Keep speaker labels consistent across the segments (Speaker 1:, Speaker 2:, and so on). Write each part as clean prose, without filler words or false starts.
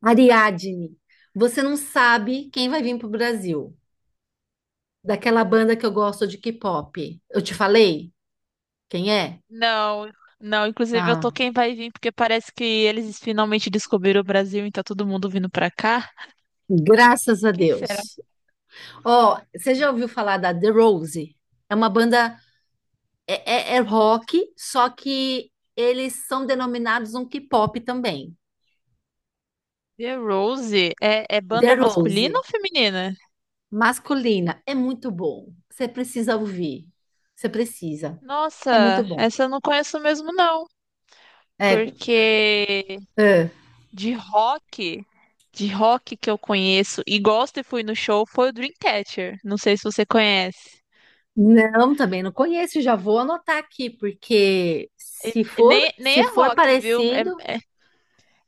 Speaker 1: Ariadne, você não sabe quem vai vir pro Brasil. Daquela banda que eu gosto de K-pop. Eu te falei quem é?
Speaker 2: Não, não, inclusive eu
Speaker 1: Ah,
Speaker 2: tô quem vai vir, porque parece que eles finalmente descobriram o Brasil e tá todo mundo vindo pra cá.
Speaker 1: graças a
Speaker 2: Quem será?
Speaker 1: Deus. Ó, você já ouviu falar da The Rose? É uma banda, é rock, só que eles são denominados um K-pop também.
Speaker 2: The Rose? É, é
Speaker 1: The
Speaker 2: banda
Speaker 1: Rose,
Speaker 2: masculina ou feminina?
Speaker 1: masculina, é muito bom. Você precisa ouvir. Você precisa. É muito
Speaker 2: Nossa,
Speaker 1: bom.
Speaker 2: essa eu não conheço mesmo não,
Speaker 1: É,
Speaker 2: porque
Speaker 1: é.
Speaker 2: de rock, de rock que eu conheço e gosto e fui no show foi o Dreamcatcher, não sei se você conhece.
Speaker 1: Não, também não conheço, já vou anotar aqui, porque se for,
Speaker 2: Nem, nem
Speaker 1: se
Speaker 2: é
Speaker 1: for
Speaker 2: rock, viu?
Speaker 1: parecido,
Speaker 2: É, é,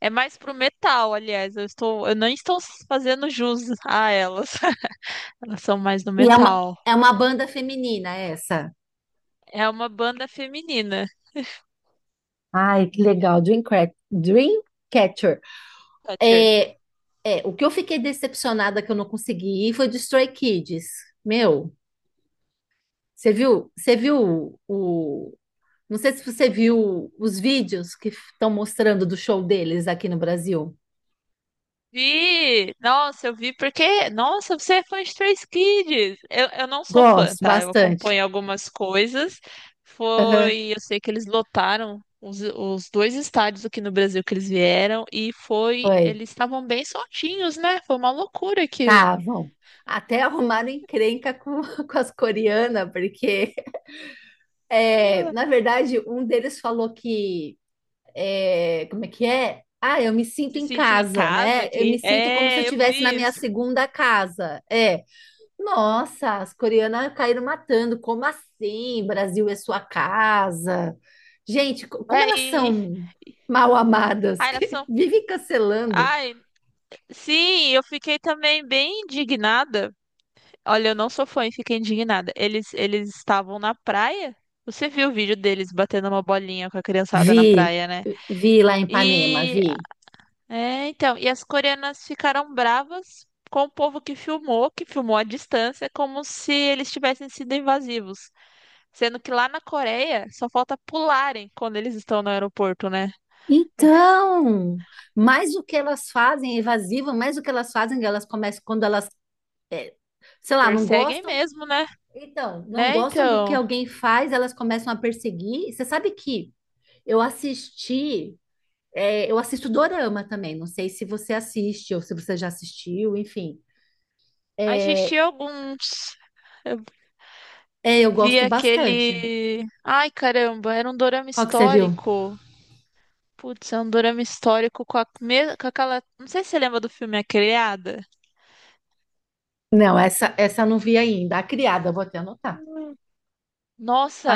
Speaker 2: é mais pro metal, aliás. Eu não estou fazendo jus a elas. Elas são mais no
Speaker 1: e é uma,
Speaker 2: metal.
Speaker 1: é uma banda feminina essa.
Speaker 2: É uma banda feminina,
Speaker 1: Ai, que legal, Dreamcatcher.
Speaker 2: Thatcher.
Speaker 1: É, é, o que eu fiquei decepcionada que eu não consegui ir foi de Stray Kids. Meu, você viu, você viu o, não sei se você viu os vídeos que estão mostrando do show deles aqui no Brasil.
Speaker 2: Vi! Nossa, eu vi porque. Nossa, você é fã de Stray Kids! Eu não sou fã,
Speaker 1: Gosto
Speaker 2: tá? Eu
Speaker 1: bastante.
Speaker 2: acompanho algumas coisas.
Speaker 1: Aham,
Speaker 2: Foi. Eu sei que eles lotaram os dois estádios aqui no Brasil que eles vieram. E foi.
Speaker 1: foi.
Speaker 2: Eles estavam bem soltinhos, né? Foi uma loucura que
Speaker 1: Estavam. Até arrumaram encrenca com, com as coreanas, porque, na verdade, um deles falou que. Como é que é? Ah, eu me sinto
Speaker 2: se
Speaker 1: em
Speaker 2: sentiu em
Speaker 1: casa,
Speaker 2: casa
Speaker 1: né? Eu
Speaker 2: aqui.
Speaker 1: me sinto como se eu
Speaker 2: É, eu
Speaker 1: estivesse na
Speaker 2: vi
Speaker 1: minha
Speaker 2: isso.
Speaker 1: segunda casa. É. Nossa, as coreanas caíram matando. Como assim? Brasil é sua casa. Gente, como
Speaker 2: É,
Speaker 1: elas
Speaker 2: e.
Speaker 1: são
Speaker 2: e-
Speaker 1: mal amadas,
Speaker 2: Ai, elas
Speaker 1: que
Speaker 2: são.
Speaker 1: vivem cancelando.
Speaker 2: Ai, sim, eu fiquei também bem indignada. Olha, eu não sou fã e fiquei indignada. Eles estavam na praia. Você viu o vídeo deles batendo uma bolinha com a criançada na
Speaker 1: Vi,
Speaker 2: praia, né?
Speaker 1: vi lá em Ipanema,
Speaker 2: E
Speaker 1: vi.
Speaker 2: é, então, e as coreanas ficaram bravas com o povo que filmou à distância, como se eles tivessem sido invasivos. Sendo que lá na Coreia só falta pularem quando eles estão no aeroporto, né? É,
Speaker 1: Então, mais o que elas fazem, é evasiva, mais o que elas fazem, elas começam quando elas, sei lá, não
Speaker 2: perseguem
Speaker 1: gostam.
Speaker 2: mesmo, né?
Speaker 1: Então, não
Speaker 2: Né,
Speaker 1: gostam do que
Speaker 2: então.
Speaker 1: alguém faz, elas começam a perseguir. Você sabe que eu assisti, eu assisto Dorama também. Não sei se você assiste ou se você já assistiu, enfim. É,
Speaker 2: Assisti alguns.
Speaker 1: é,
Speaker 2: Eu
Speaker 1: eu
Speaker 2: vi
Speaker 1: gosto bastante.
Speaker 2: aquele. Ai, caramba, era um dorama
Speaker 1: Qual que você viu?
Speaker 2: histórico. Putz, é um dorama histórico com, a... me- com aquela. Não sei se você lembra do filme A Criada.
Speaker 1: Não, essa eu não vi ainda. A Criada, eu vou até anotar.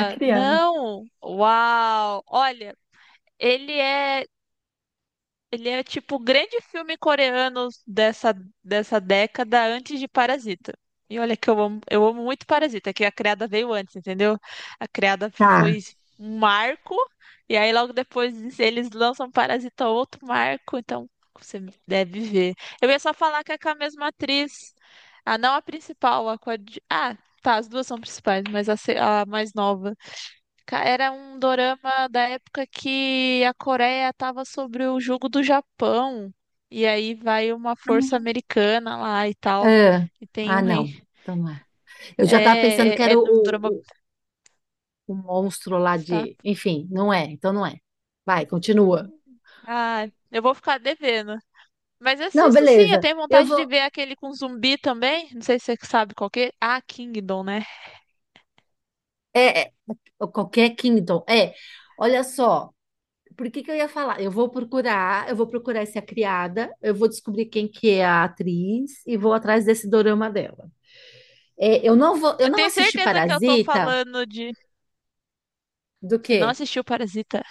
Speaker 1: A criada.
Speaker 2: não! Uau! Olha, ele é. Ele é tipo o grande filme coreano dessa, dessa década antes de Parasita. E olha que eu amo muito Parasita, que a Criada veio antes, entendeu? A Criada
Speaker 1: Tá.
Speaker 2: foi um marco, e aí logo depois eles lançam Parasita outro marco, então você deve ver. Eu ia só falar que é com a mesma atriz, a não a principal, a coadju... Ah, tá, as duas são principais, mas a, se- a mais nova. Ca- Era um dorama da época que a Coreia estava sobre o jugo do Japão. E aí vai uma força americana lá e tal.
Speaker 1: Ah,
Speaker 2: E tem
Speaker 1: ah,
Speaker 2: um
Speaker 1: não.
Speaker 2: rei.
Speaker 1: Então não é. Eu já estava pensando
Speaker 2: É, é,
Speaker 1: que era o,
Speaker 2: é um drama.
Speaker 1: o, o monstro lá
Speaker 2: Está...
Speaker 1: de. Enfim, não é, então não é. Vai, continua.
Speaker 2: Ah, eu vou ficar devendo. Mas
Speaker 1: Não,
Speaker 2: assisto sim, eu
Speaker 1: beleza.
Speaker 2: tenho
Speaker 1: Eu
Speaker 2: vontade de
Speaker 1: vou.
Speaker 2: ver aquele com zumbi também. Não sei se você sabe qual que é. Ah, Kingdom, né?
Speaker 1: É, qualquer Kingdom. É, olha só. Por que que eu ia falar? Eu vou procurar essa criada, eu vou descobrir quem que é a atriz e vou atrás desse dorama dela. Eu
Speaker 2: Eu
Speaker 1: não
Speaker 2: tenho
Speaker 1: assisti
Speaker 2: certeza que eu tô
Speaker 1: Parasita
Speaker 2: falando de.
Speaker 1: do
Speaker 2: Você não
Speaker 1: quê?
Speaker 2: assistiu Parasita?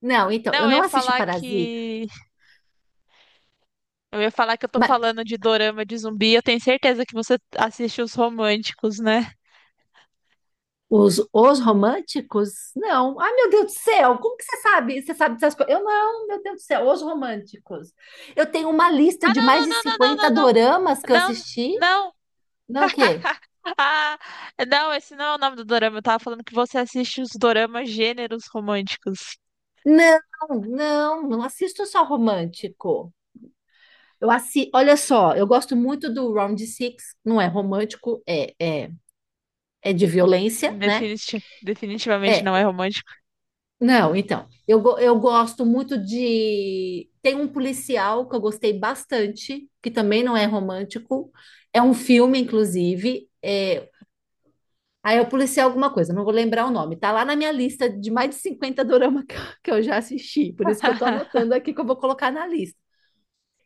Speaker 1: Não, então,
Speaker 2: Não,
Speaker 1: eu
Speaker 2: eu
Speaker 1: não
Speaker 2: ia
Speaker 1: assisti
Speaker 2: falar
Speaker 1: Parasita.
Speaker 2: que eu ia falar que eu tô falando de dorama de zumbi, eu tenho certeza que você assiste os românticos, né?
Speaker 1: Os românticos? Não. Ai, meu Deus do céu, como que você sabe? Você sabe dessas coisas? Eu não, meu Deus do céu, os românticos. Eu tenho uma lista
Speaker 2: Ah,
Speaker 1: de
Speaker 2: não,
Speaker 1: mais
Speaker 2: não,
Speaker 1: de
Speaker 2: não, não,
Speaker 1: 50
Speaker 2: não,
Speaker 1: doramas que eu
Speaker 2: não, não, não,
Speaker 1: assisti.
Speaker 2: não.
Speaker 1: Não, o quê?
Speaker 2: Ah, não, esse não é o nome do dorama. Eu tava falando que você assiste os doramas gêneros românticos.
Speaker 1: Não, não assisto só romântico. Eu assi... Olha só, eu gosto muito do Round Six, não é romântico, é é de violência, né?
Speaker 2: Definiti- definitivamente
Speaker 1: É,
Speaker 2: não é romântico.
Speaker 1: Não, então, eu gosto muito de. Tem um policial que eu gostei bastante, que também não é romântico, é um filme, inclusive. Ah, é o policial alguma coisa, não vou lembrar o nome. Tá lá na minha lista de mais de 50 dorama que eu já assisti, por isso que eu tô anotando aqui que eu vou colocar na lista.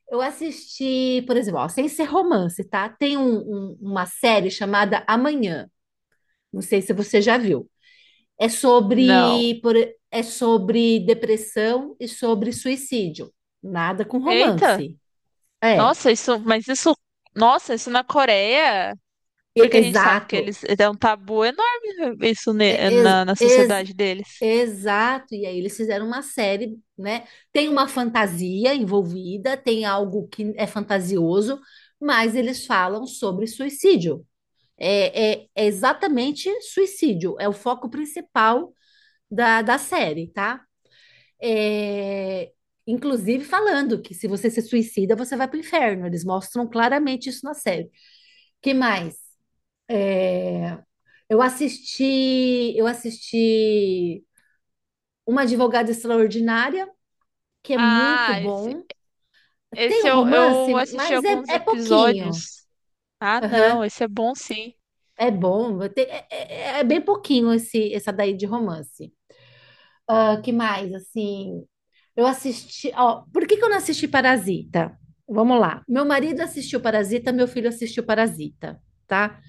Speaker 1: Eu assisti, por exemplo, ó, sem ser romance, tá? Tem uma série chamada Amanhã, não sei se você já viu. É
Speaker 2: Não.
Speaker 1: sobre, por- é sobre depressão e sobre suicídio. Nada com
Speaker 2: Eita,
Speaker 1: romance. É,
Speaker 2: nossa, isso, mas isso, nossa, isso na Coreia,
Speaker 1: e-
Speaker 2: porque a gente sabe que
Speaker 1: exato.
Speaker 2: eles é um tabu enorme isso ne-
Speaker 1: É- ex-
Speaker 2: na, na
Speaker 1: ex-
Speaker 2: sociedade deles.
Speaker 1: exato. E aí eles fizeram uma série, né? Tem uma fantasia envolvida, tem algo que é fantasioso, mas eles falam sobre suicídio. É exatamente suicídio. É o foco principal da série, tá? é, Inclusive falando que se você se suicida, você vai para o inferno. Eles mostram claramente isso na série. Que mais? É, eu assisti Uma Advogada Extraordinária, que é muito
Speaker 2: Ah,
Speaker 1: bom. Tem
Speaker 2: esse
Speaker 1: um
Speaker 2: eu,
Speaker 1: romance,
Speaker 2: eu assisti
Speaker 1: mas é,
Speaker 2: alguns
Speaker 1: é pouquinho.
Speaker 2: episódios. Ah, não,
Speaker 1: Aham.
Speaker 2: esse é bom sim.
Speaker 1: É bom, é bem pouquinho esse, essa daí de romance. Ah, que mais? Assim, eu assisti. Ó, por que que eu não assisti Parasita? Vamos lá. Meu marido assistiu Parasita, meu filho assistiu Parasita, tá?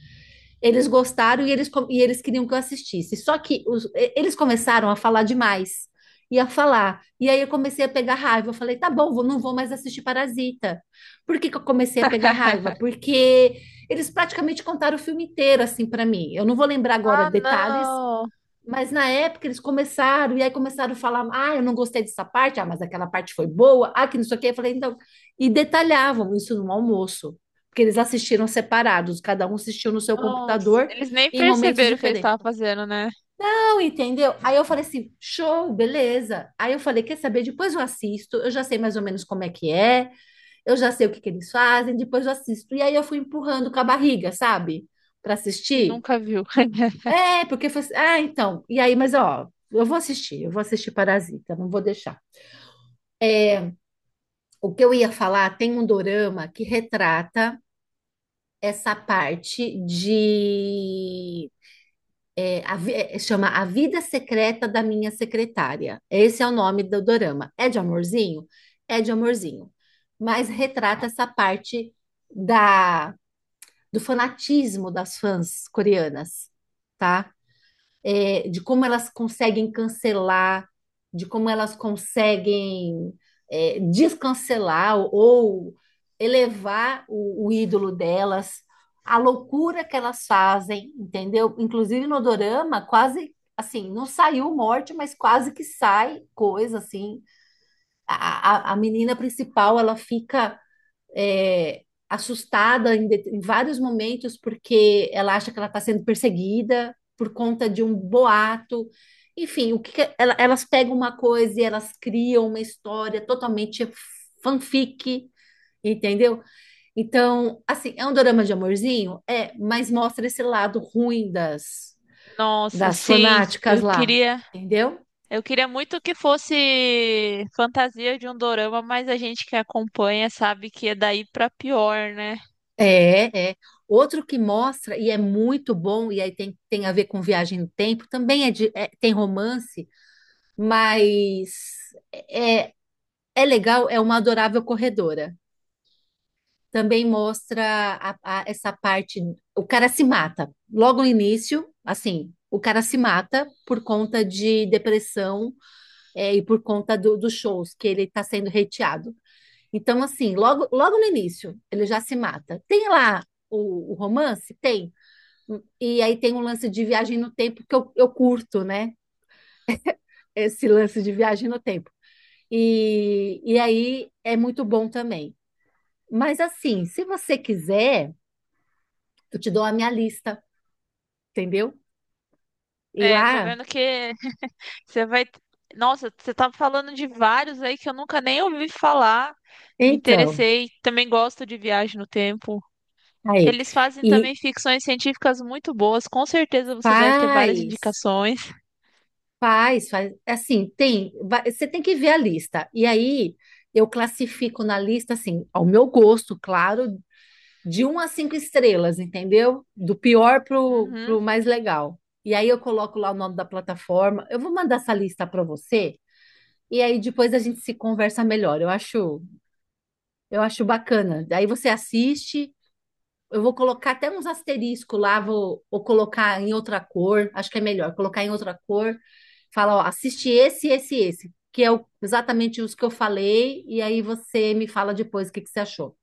Speaker 1: Eles gostaram e e eles queriam que eu assistisse. Só que eles começaram a falar demais. E a falar. E aí eu comecei a pegar raiva. Eu falei, tá bom, não vou mais assistir Parasita. Por que que eu comecei a pegar raiva? Porque eles praticamente contaram o filme inteiro, assim, para mim. Eu não vou lembrar agora
Speaker 2: Ah,
Speaker 1: detalhes,
Speaker 2: não.
Speaker 1: mas na época eles começaram, e aí começaram a falar: ah, eu não gostei dessa parte, ah, mas aquela parte foi boa, ah, que não sei o quê. Eu falei, então. E detalhavam isso no almoço, porque eles assistiram separados, cada um assistiu no seu
Speaker 2: Nossa,
Speaker 1: computador
Speaker 2: eles nem
Speaker 1: em momentos
Speaker 2: perceberam o que eles
Speaker 1: diferentes.
Speaker 2: estavam fazendo, né?
Speaker 1: Não, entendeu? Aí eu falei assim: show, beleza. Aí eu falei: quer saber? Depois eu assisto, eu já sei mais ou menos como é que é, eu já sei o que que eles fazem, depois eu assisto. E aí eu fui empurrando com a barriga, sabe? Para
Speaker 2: E
Speaker 1: assistir.
Speaker 2: nunca viu.
Speaker 1: É, porque foi assim, ah, então, e aí, mas ó, eu vou assistir Parasita, não vou deixar. O que eu ia falar, tem um dorama que retrata essa parte de chama A Vida Secreta da Minha Secretária. Esse é o nome do dorama. É de amorzinho? É de amorzinho. Mas retrata essa parte da do fanatismo das fãs coreanas, tá? De como elas conseguem cancelar, de como elas conseguem descancelar ou elevar o ídolo delas, a loucura que elas fazem, entendeu? Inclusive no dorama, quase assim, não saiu morte, mas quase que sai coisa assim. A menina principal, ela fica é, assustada em, em vários momentos porque ela acha que ela está sendo perseguida por conta de um boato. Enfim, o que que é, elas pegam uma coisa e elas criam uma história totalmente fanfic, entendeu? Então, assim, é um dorama de amorzinho? É, mas mostra esse lado ruim das,
Speaker 2: Nossa,
Speaker 1: das
Speaker 2: sim,
Speaker 1: fanáticas
Speaker 2: eu
Speaker 1: lá,
Speaker 2: queria,
Speaker 1: entendeu?
Speaker 2: eu queria muito que fosse fantasia de um dorama, mas a gente que acompanha sabe que é daí pra pior, né?
Speaker 1: É. Outro que mostra, e é muito bom, e aí tem, tem a ver com viagem no tempo, também tem romance, mas é legal, é uma adorável corredora. Também mostra essa parte, o cara se mata. Logo no início, assim, o cara se mata por conta de depressão, e por conta dos shows que ele está sendo hateado. Então, assim, logo, logo no início, ele já se mata. Tem lá o romance? Tem. E aí tem um lance de viagem no tempo que eu curto, né? Esse lance de viagem no tempo. E aí é muito bom também. Mas assim, se você quiser, eu te dou a minha lista, entendeu? E
Speaker 2: É, tô
Speaker 1: lá,
Speaker 2: vendo que você vai. Nossa, você tá falando de vários aí que eu nunca nem ouvi falar. Me
Speaker 1: então,
Speaker 2: interessei. Também gosto de viagem no tempo.
Speaker 1: aí.
Speaker 2: Eles fazem
Speaker 1: E
Speaker 2: também ficções científicas muito boas. Com certeza você deve ter várias
Speaker 1: faz,
Speaker 2: indicações.
Speaker 1: faz, faz. Assim, tem, você tem que ver a lista. E aí eu classifico na lista, assim, ao meu gosto, claro, de um a cinco estrelas, entendeu? Do pior
Speaker 2: Uhum.
Speaker 1: pro mais legal. E aí eu coloco lá o nome da plataforma. Eu vou mandar essa lista para você e aí depois a gente se conversa melhor. Eu acho bacana. Daí você assiste. Eu vou colocar até uns asteriscos lá, vou colocar em outra cor. Acho que é melhor colocar em outra cor. Fala, ó, assiste esse, esse, esse, que é exatamente os que eu falei. E aí você me fala depois o que que você achou.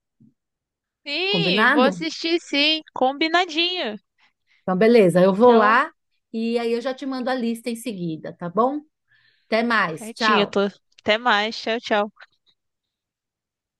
Speaker 2: Sim, vou
Speaker 1: Combinado?
Speaker 2: assistir sim. Combinadinho.
Speaker 1: Então, beleza, eu vou
Speaker 2: Então,
Speaker 1: lá e aí eu já te mando a lista em seguida, tá bom? Até mais,
Speaker 2: certinho,
Speaker 1: tchau.
Speaker 2: tô. Até mais. Tchau, tchau.